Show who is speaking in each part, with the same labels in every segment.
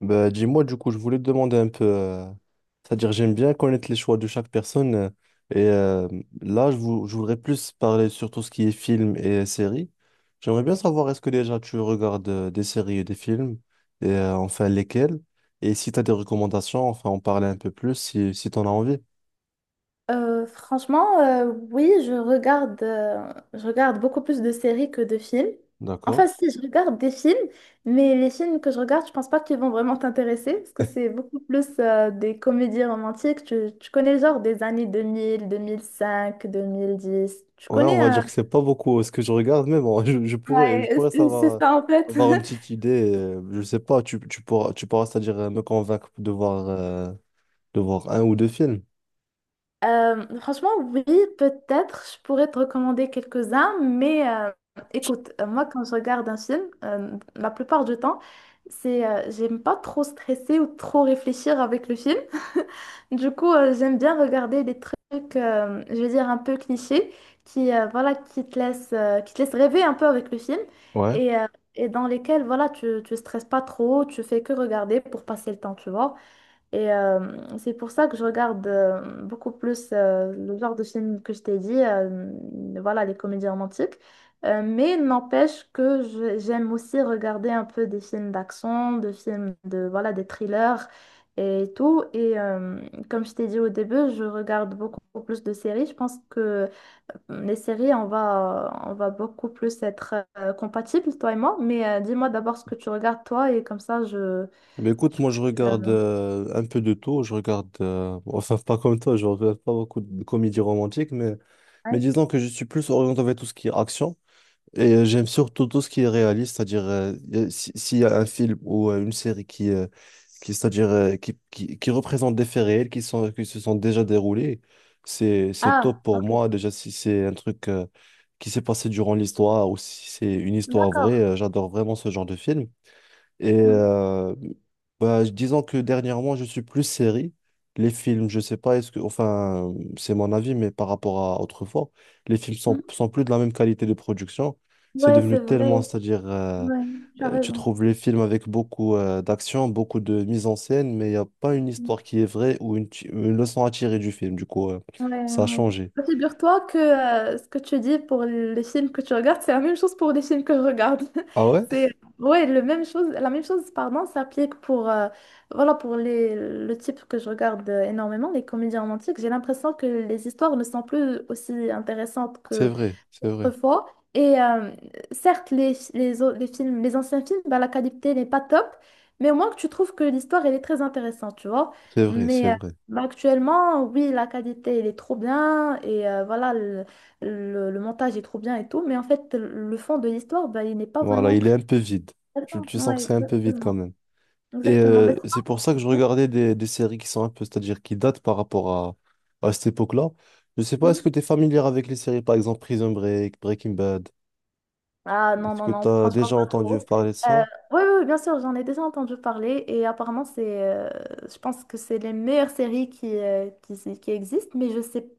Speaker 1: Bah, dis-moi, du coup, je voulais te demander un peu. C'est-à-dire, j'aime bien connaître les choix de chaque personne. Et là, je voudrais plus parler sur tout ce qui est films et séries. J'aimerais bien savoir, est-ce que déjà tu regardes des séries et des films? Et enfin, lesquels? Et si tu as des recommandations, enfin, en parler un peu plus si tu en as envie.
Speaker 2: Franchement, oui, je regarde beaucoup plus de séries que de films. Enfin,
Speaker 1: D'accord?
Speaker 2: si, je regarde des films, mais les films que je regarde, je pense pas qu'ils vont vraiment t'intéresser, parce que c'est beaucoup plus des comédies romantiques. Tu connais le genre des années deux 2000 2005 2010. Tu
Speaker 1: Ouais, on
Speaker 2: connais...
Speaker 1: va dire que c'est pas beaucoup ce que je regarde, mais bon, je, je pourrais,
Speaker 2: Ouais,
Speaker 1: je pourrais
Speaker 2: c'est c'est
Speaker 1: savoir,
Speaker 2: ça en fait.
Speaker 1: avoir une petite idée. Je sais pas, tu pourras, c'est-à-dire, me convaincre de voir. De voir un ou deux films.
Speaker 2: Franchement, oui, peut-être, je pourrais te recommander quelques-uns, mais écoute, moi, quand je regarde un film, la plupart du temps, c'est, j'aime pas trop stresser ou trop réfléchir avec le film. Du coup, j'aime bien regarder des trucs, je vais dire, un peu clichés, qui, voilà, qui te laissent rêver un peu avec le film
Speaker 1: Ouais.
Speaker 2: et, euh, et dans lesquels, voilà, tu stresses pas trop, tu fais que regarder pour passer le temps, tu vois. Et c'est pour ça que je regarde beaucoup plus le genre de film que je t'ai dit, voilà, les comédies romantiques. Mais n'empêche que j'aime aussi regarder un peu des films d'action, des films de, voilà, des thrillers et tout. Et comme je t'ai dit au début, je regarde beaucoup plus de séries. Je pense que les séries, on va beaucoup plus être compatibles, toi et moi. Mais dis-moi d'abord ce que tu regardes, toi, et comme ça,
Speaker 1: Mais écoute, moi je
Speaker 2: je...
Speaker 1: regarde
Speaker 2: euh,
Speaker 1: un peu de tout. Je regarde, enfin pas comme toi, je regarde pas beaucoup de comédies romantiques, mais
Speaker 2: ouais.
Speaker 1: disons que je suis plus orienté vers tout ce qui est action. Et j'aime surtout tout ce qui est réaliste, c'est-à-dire y a- si- s'il y a un film ou une série qui représente des faits réels qui se sont déjà déroulés, c'est top
Speaker 2: Ah,
Speaker 1: pour
Speaker 2: ok.
Speaker 1: moi. Déjà, si c'est un truc qui s'est passé durant l'histoire ou si c'est une histoire vraie,
Speaker 2: D'accord.
Speaker 1: j'adore vraiment ce genre de film. Et
Speaker 2: Mhm,
Speaker 1: bah, disons que dernièrement, je suis plus série. Les films, je sais pas, est-ce que, enfin, c'est mon avis, mais par rapport à autrefois, les films sont,
Speaker 2: mhm.
Speaker 1: sont plus de la même qualité de production. C'est
Speaker 2: Ouais,
Speaker 1: devenu
Speaker 2: c'est
Speaker 1: tellement,
Speaker 2: vrai.
Speaker 1: c'est-à-dire,
Speaker 2: Ouais, tu as
Speaker 1: tu
Speaker 2: raison.
Speaker 1: trouves les films avec beaucoup d'action, beaucoup de mise en scène, mais il n'y a pas une
Speaker 2: Mm.
Speaker 1: histoire qui est vraie ou une leçon à tirer du film. Du coup,
Speaker 2: Ouais,
Speaker 1: ça a
Speaker 2: ouais.
Speaker 1: changé.
Speaker 2: Bah, figure-toi que ce que tu dis pour les films que tu regardes, c'est la même chose pour les films que je regarde.
Speaker 1: Ah ouais?
Speaker 2: C'est ouais, le même chose, la même chose, pardon, s'applique pour voilà pour les le type que je regarde énormément, les comédies romantiques. J'ai l'impression que les histoires ne sont plus aussi intéressantes
Speaker 1: C'est
Speaker 2: que.
Speaker 1: vrai, c'est vrai,
Speaker 2: Autrefois. Et certes, les les films, les anciens films, bah, la qualité n'est pas top, mais au moins que tu trouves que l'histoire, elle est très intéressante, tu vois.
Speaker 1: c'est vrai, c'est
Speaker 2: Mais
Speaker 1: vrai.
Speaker 2: bah, actuellement, oui, la qualité, elle est trop bien, et voilà, le, le montage est trop bien et tout, mais en fait, le fond de l'histoire, bah, il n'est pas
Speaker 1: Voilà,
Speaker 2: vraiment
Speaker 1: il est
Speaker 2: très...
Speaker 1: un peu vide. Tu,
Speaker 2: intéressant.
Speaker 1: tu sens
Speaker 2: Ouais,
Speaker 1: que c'est un peu vide quand
Speaker 2: exactement.
Speaker 1: même. Et
Speaker 2: Exactement. Bah,
Speaker 1: c'est pour ça que je
Speaker 2: ouais.
Speaker 1: regardais des séries qui sont un peu, c'est-à-dire qui datent par rapport à cette époque-là. Je sais pas, est-ce
Speaker 2: Mhm.
Speaker 1: que tu es familière avec les séries, par exemple Prison Break, Breaking Bad?
Speaker 2: Ah non,
Speaker 1: Est-ce
Speaker 2: non,
Speaker 1: que
Speaker 2: non,
Speaker 1: tu as
Speaker 2: franchement
Speaker 1: déjà
Speaker 2: pas
Speaker 1: entendu
Speaker 2: trop.
Speaker 1: parler de
Speaker 2: Euh,
Speaker 1: ça?
Speaker 2: oui, oui, oui, bien sûr, j'en ai déjà entendu parler et apparemment, c'est, je pense que c'est les meilleures séries qui, qui existent, mais je sais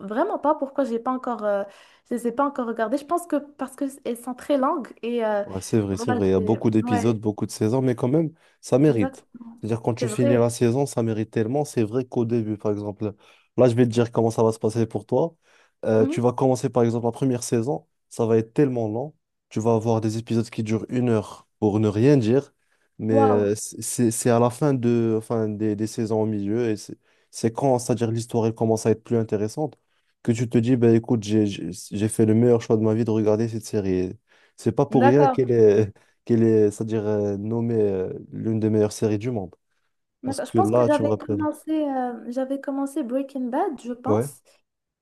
Speaker 2: vraiment pas pourquoi j'ai pas encore, je les ai pas encore regardées. Je pense que parce qu'elles sont très longues et
Speaker 1: Ouais, c'est vrai, c'est
Speaker 2: voilà,
Speaker 1: vrai. Il y a beaucoup d'épisodes,
Speaker 2: ouais,
Speaker 1: beaucoup de saisons, mais quand même, ça mérite.
Speaker 2: exactement,
Speaker 1: C'est-à-dire, quand tu
Speaker 2: c'est
Speaker 1: finis
Speaker 2: vrai.
Speaker 1: la saison, ça mérite tellement. C'est vrai qu'au début, par exemple, là, je vais te dire comment ça va se passer pour toi. Tu
Speaker 2: Mhm.
Speaker 1: vas commencer, par exemple, la première saison, ça va être tellement long. Tu vas avoir des épisodes qui durent une heure pour ne rien dire, mais
Speaker 2: Waouh,
Speaker 1: c'est à la fin de, enfin, des saisons au milieu, et c'est quand, c'est-à-dire, l'histoire elle commence à être plus intéressante, que tu te dis, ben écoute, j'ai fait le meilleur choix de ma vie de regarder cette série. C'est pas pour rien
Speaker 2: d'accord.
Speaker 1: qu'elle est, c'est-à-dire nommée l'une des meilleures séries du monde. Parce
Speaker 2: D'accord. Je
Speaker 1: que
Speaker 2: pense que
Speaker 1: là, tu me rappelles.
Speaker 2: j'avais commencé Breaking Bad, je
Speaker 1: Ouais.
Speaker 2: pense.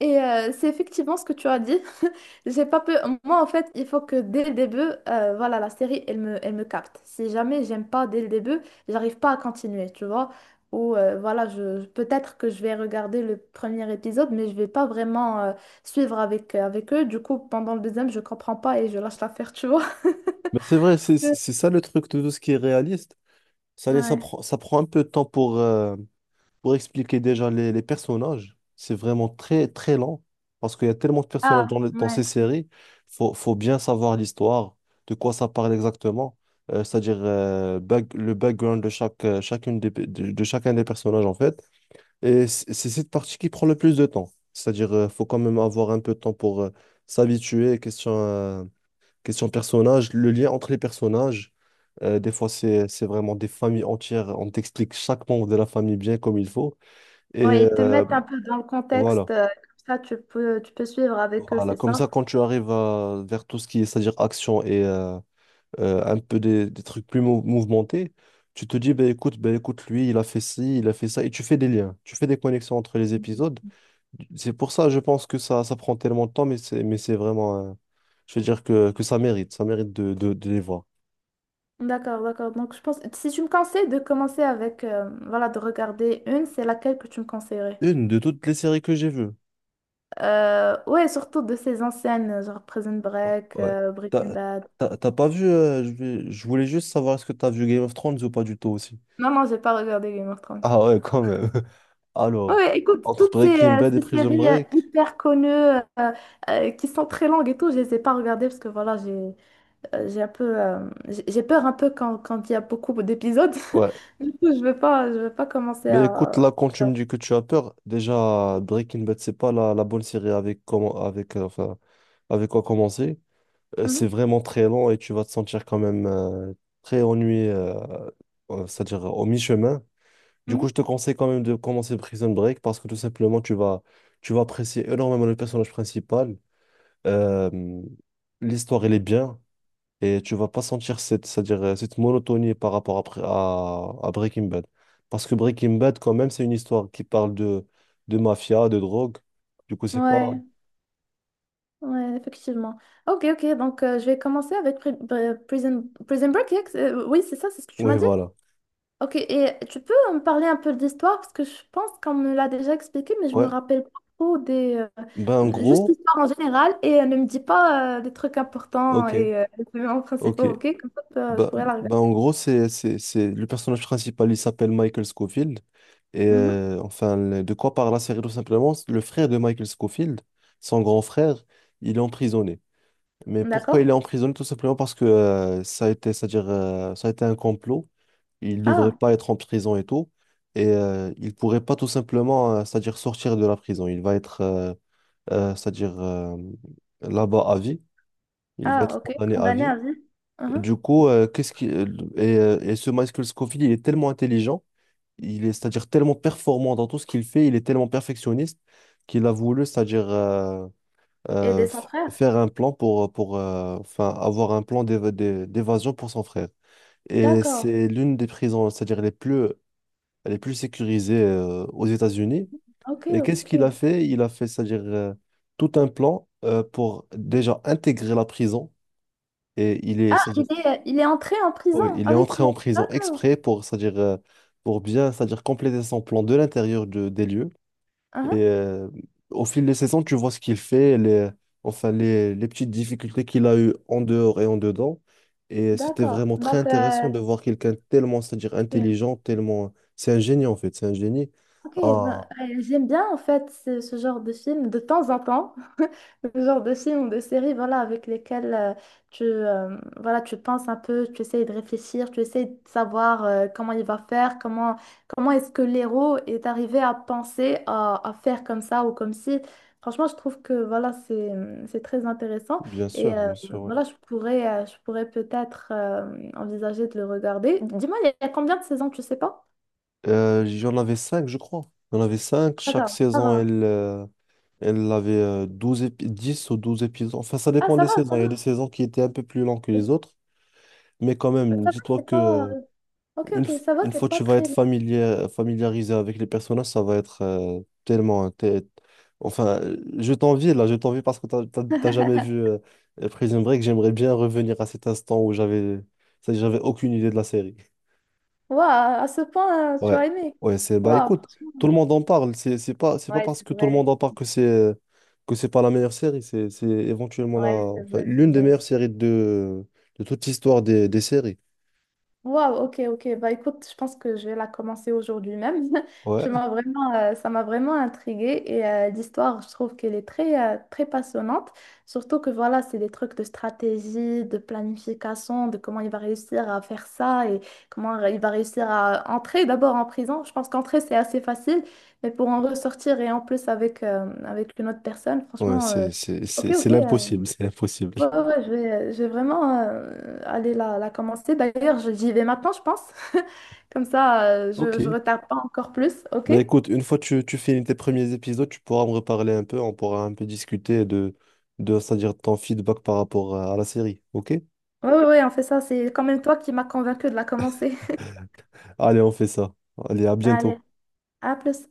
Speaker 2: Et c'est effectivement ce que tu as dit. J'ai pas peur. Moi, en fait, il faut que dès le début, voilà, la série, elle me capte. Si jamais j'aime pas dès le début, j'arrive pas à continuer, tu vois. Ou voilà, je, peut-être que je vais regarder le premier épisode, mais je vais pas vraiment suivre avec, avec eux. Du coup, pendant le deuxième, je comprends pas et je lâche l'affaire, tu vois.
Speaker 1: Mais c'est vrai, c'est ça le truc de tout ce qui est réaliste. Ça, laisse- ça,
Speaker 2: Ouais.
Speaker 1: prend, ça prend un peu de temps pour expliquer déjà les personnages. C'est vraiment très, très lent. Parce qu'il y a tellement de personnages
Speaker 2: Ah,
Speaker 1: dans ces
Speaker 2: ouais.
Speaker 1: séries. Faut bien savoir l'histoire, de quoi ça parle exactement. C'est-à-dire le background de chaque, chacune des, pe- de chacun des personnages, en fait. Et c'est cette partie qui prend le plus de temps. C'est-à-dire, faut quand même avoir un peu de temps pour s'habituer. Question personnage, le lien entre les personnages. Des fois, c'est vraiment des familles entières. On t'explique chaque membre de la famille bien comme il faut.
Speaker 2: Ouais,
Speaker 1: Et
Speaker 2: ils te mettent un peu dans le
Speaker 1: voilà.
Speaker 2: contexte, comme ça tu peux suivre avec eux,
Speaker 1: Voilà.
Speaker 2: c'est
Speaker 1: Comme
Speaker 2: ça?
Speaker 1: ça, quand tu arrives vers tout ce qui est, c'est-à-dire action et un peu des trucs plus mouvementés, tu te dis, ben écoute, lui, il a fait ci, il a fait ça. Et tu fais des liens. Tu fais des connexions entre les épisodes. C'est pour ça, je pense que ça prend tellement de temps, mais c'est vraiment. Je veux dire que ça mérite. Ça mérite de les voir.
Speaker 2: D'accord, d'accord. Donc je pense, si tu me conseilles de commencer avec, voilà, de regarder une, c'est laquelle que tu me conseillerais?
Speaker 1: Une de toutes les séries que j'ai vues.
Speaker 2: Ouais, surtout de ces anciennes, genre Prison
Speaker 1: Oh,
Speaker 2: Break,
Speaker 1: ouais.
Speaker 2: Breaking
Speaker 1: T'as,
Speaker 2: Bad.
Speaker 1: t'as pas vu. Je voulais juste savoir est-ce que t'as vu Game of Thrones ou pas du tout aussi.
Speaker 2: Non, non, j'ai pas regardé Game of Thrones.
Speaker 1: Ah ouais, quand même.
Speaker 2: Ouais,
Speaker 1: Alors,
Speaker 2: ouais, écoute,
Speaker 1: entre
Speaker 2: toutes ces,
Speaker 1: Breaking Bad et
Speaker 2: ces
Speaker 1: Prison
Speaker 2: séries
Speaker 1: Break.
Speaker 2: hyper connues, qui sont très longues et tout, je les ai pas regardées parce que voilà, j'ai un peu, j'ai peur un peu quand, quand il y a beaucoup d'épisodes.
Speaker 1: Ouais.
Speaker 2: Du coup, je veux pas commencer
Speaker 1: Mais écoute,
Speaker 2: à...
Speaker 1: là, quand tu me dis que tu as peur, déjà, Breaking Bad, c'est pas la bonne série avec, comment, avec, enfin, avec quoi commencer. C'est
Speaker 2: Mhm,
Speaker 1: vraiment très lent et tu vas te sentir quand même très ennuyé, c'est-à-dire au mi-chemin. Du coup, je
Speaker 2: mhm.
Speaker 1: te conseille quand même de commencer Prison Break parce que tout simplement, tu vas apprécier énormément le personnage principal. Euh, l'histoire, elle est bien et tu vas pas sentir cette, c'est-à-dire cette monotonie par rapport à Breaking Bad. Parce que Breaking Bad, quand même, c'est une histoire qui parle de mafia, de drogue. Du coup, c'est pas.
Speaker 2: Ouais, ouais, effectivement. Ok, ok, donc je vais commencer avec Prison Break. Oui, c'est ça, c'est ce que tu m'as
Speaker 1: Oui,
Speaker 2: dit.
Speaker 1: voilà.
Speaker 2: Ok, et tu peux me parler un peu de l'histoire parce que je pense qu'on me l'a déjà expliqué, mais je me
Speaker 1: Ouais.
Speaker 2: rappelle pas trop des.
Speaker 1: Ben, en
Speaker 2: Juste
Speaker 1: gros,
Speaker 2: l'histoire en général et ne me dis pas des trucs importants
Speaker 1: ok,
Speaker 2: et les éléments
Speaker 1: ok.
Speaker 2: principaux, ok? Comme ça, je
Speaker 1: Bah,
Speaker 2: pourrais la regarder.
Speaker 1: bah, en gros, c'est le personnage principal, il s'appelle Michael Scofield. Et
Speaker 2: Mhm,
Speaker 1: enfin, de quoi parle la série tout simplement? C'est le frère de Michael Scofield, son grand frère, il est emprisonné. Mais pourquoi il est
Speaker 2: d'accord.
Speaker 1: emprisonné? Tout simplement parce que c'est-à-dire, ça a été un complot. Il ne devrait
Speaker 2: Ah,
Speaker 1: pas être en prison et tout. Et il pourrait pas tout simplement, c'est-à-dire sortir de la prison. Il va être, c'est-à-dire, là-bas à vie. Il va être
Speaker 2: ok.
Speaker 1: condamné à
Speaker 2: Condamné
Speaker 1: vie.
Speaker 2: à vie. Mhm.
Speaker 1: Du coup, qu'est-ce qui et ce Michael Scofield, il est tellement intelligent, il est c'est-à-dire tellement performant dans tout ce qu'il fait, il est tellement perfectionniste qu'il a voulu, c'est-à-dire
Speaker 2: Et des sans frères.
Speaker 1: faire un plan pour pour enfin avoir un plan d'évasion pour son frère. Et
Speaker 2: D'accord.
Speaker 1: c'est l'une des prisons, c'est-à-dire les plus sécurisées aux États-Unis.
Speaker 2: Ok,
Speaker 1: Et qu'est-ce
Speaker 2: ok.
Speaker 1: qu'il a fait? Il a fait, c'est-à-dire tout un plan pour déjà intégrer la prison. Et il est.
Speaker 2: Ah, il est entré en prison
Speaker 1: Oui, il est
Speaker 2: avec
Speaker 1: entré
Speaker 2: le...
Speaker 1: en prison
Speaker 2: D'accord.
Speaker 1: exprès pour, c'est-à-dire, pour bien, c'est-à-dire compléter son plan de l'intérieur des lieux. Et
Speaker 2: Mhm.
Speaker 1: au fil des saisons, tu vois ce qu'il fait, les, enfin, les petites difficultés qu'il a eues en dehors et en dedans. Et c'était
Speaker 2: D'accord.
Speaker 1: vraiment très
Speaker 2: Donc,
Speaker 1: intéressant de voir quelqu'un tellement, c'est-à-dire
Speaker 2: ok.
Speaker 1: intelligent, tellement. C'est un génie, en fait, c'est un génie.
Speaker 2: Ok, ben,
Speaker 1: Ah,
Speaker 2: j'aime bien en fait ce, ce genre de film de temps en temps, le genre de film ou de série voilà, avec lesquels tu, voilà, tu penses un peu, tu essayes de réfléchir, tu essayes de savoir comment il va faire, comment, comment est-ce que l'héros est arrivé à penser à faire comme ça ou comme si. Franchement, je trouve que voilà, c'est très intéressant et
Speaker 1: bien sûr, ouais.
Speaker 2: voilà, je pourrais peut-être envisager de le regarder. Dis-moi, il y a combien de saisons, tu sais pas?
Speaker 1: J'en avais cinq, je crois. J'en avais cinq. Chaque
Speaker 2: D'accord, ça
Speaker 1: saison,
Speaker 2: va.
Speaker 1: elle avait 12 10 ou 12 épisodes. Enfin, ça
Speaker 2: Ah,
Speaker 1: dépend
Speaker 2: ça
Speaker 1: des
Speaker 2: va,
Speaker 1: saisons.
Speaker 2: ça
Speaker 1: Il
Speaker 2: va.
Speaker 1: y a des saisons qui étaient un peu plus longues que
Speaker 2: Ça
Speaker 1: les autres. Mais quand même,
Speaker 2: va,
Speaker 1: dis-toi
Speaker 2: c'est
Speaker 1: que
Speaker 2: pas. Ok, ok, ça va,
Speaker 1: une
Speaker 2: c'est
Speaker 1: fois que
Speaker 2: pas
Speaker 1: tu vas
Speaker 2: très
Speaker 1: être
Speaker 2: long.
Speaker 1: familiarisé avec les personnages, ça va être tellement. Hein, Enfin, je t'envie là, je t'envie parce que t'as jamais vu Prison Break. J'aimerais bien revenir à cet instant où j'avais aucune idée de la série.
Speaker 2: Waouh, à ce point, tu
Speaker 1: Ouais,
Speaker 2: as aimé.
Speaker 1: ouais, c'est bah
Speaker 2: Waouh,
Speaker 1: écoute,
Speaker 2: franchement.
Speaker 1: tout le monde en parle. C'est pas
Speaker 2: Ouais,
Speaker 1: parce
Speaker 2: c'est
Speaker 1: que tout le
Speaker 2: vrai.
Speaker 1: monde en parle que c'est pas la meilleure série. C'est éventuellement la
Speaker 2: Ouais, c'est
Speaker 1: enfin
Speaker 2: vrai, c'est
Speaker 1: l'une des
Speaker 2: vrai.
Speaker 1: meilleures séries de toute l'histoire des séries.
Speaker 2: Waouh, ok, ok. Bah écoute, je pense que je vais la commencer aujourd'hui même. Tu
Speaker 1: Ouais,
Speaker 2: m'as vraiment, ça m'a vraiment intriguée et l'histoire, je trouve qu'elle est très, très passionnante. Surtout que voilà, c'est des trucs de stratégie, de planification, de comment il va réussir à faire ça et comment il va réussir à entrer d'abord en prison. Je pense qu'entrer, c'est assez facile, mais pour en ressortir et en plus avec, avec une autre personne,
Speaker 1: ouais,
Speaker 2: franchement,
Speaker 1: c'est c'est
Speaker 2: ok,
Speaker 1: c'est c'est
Speaker 2: ok,
Speaker 1: l'impossible, c'est l'impossible.
Speaker 2: ouais, ouais, ouais, je vais vraiment aller la, la commencer. D'ailleurs, j'y vais maintenant, je pense. Comme ça,
Speaker 1: Ok.
Speaker 2: je retarde pas encore plus, ok?
Speaker 1: Mais
Speaker 2: Ouais,
Speaker 1: écoute, une fois que tu finis tes premiers épisodes, tu pourras me reparler un peu, on pourra un peu discuter de c'est-à-dire ton feedback par rapport à la série. Ok?
Speaker 2: ouais, ouais, on fait ça. C'est quand même toi qui m'as convaincu de la commencer.
Speaker 1: Allez, on fait ça. Allez, à
Speaker 2: Allez,
Speaker 1: bientôt.
Speaker 2: à plus.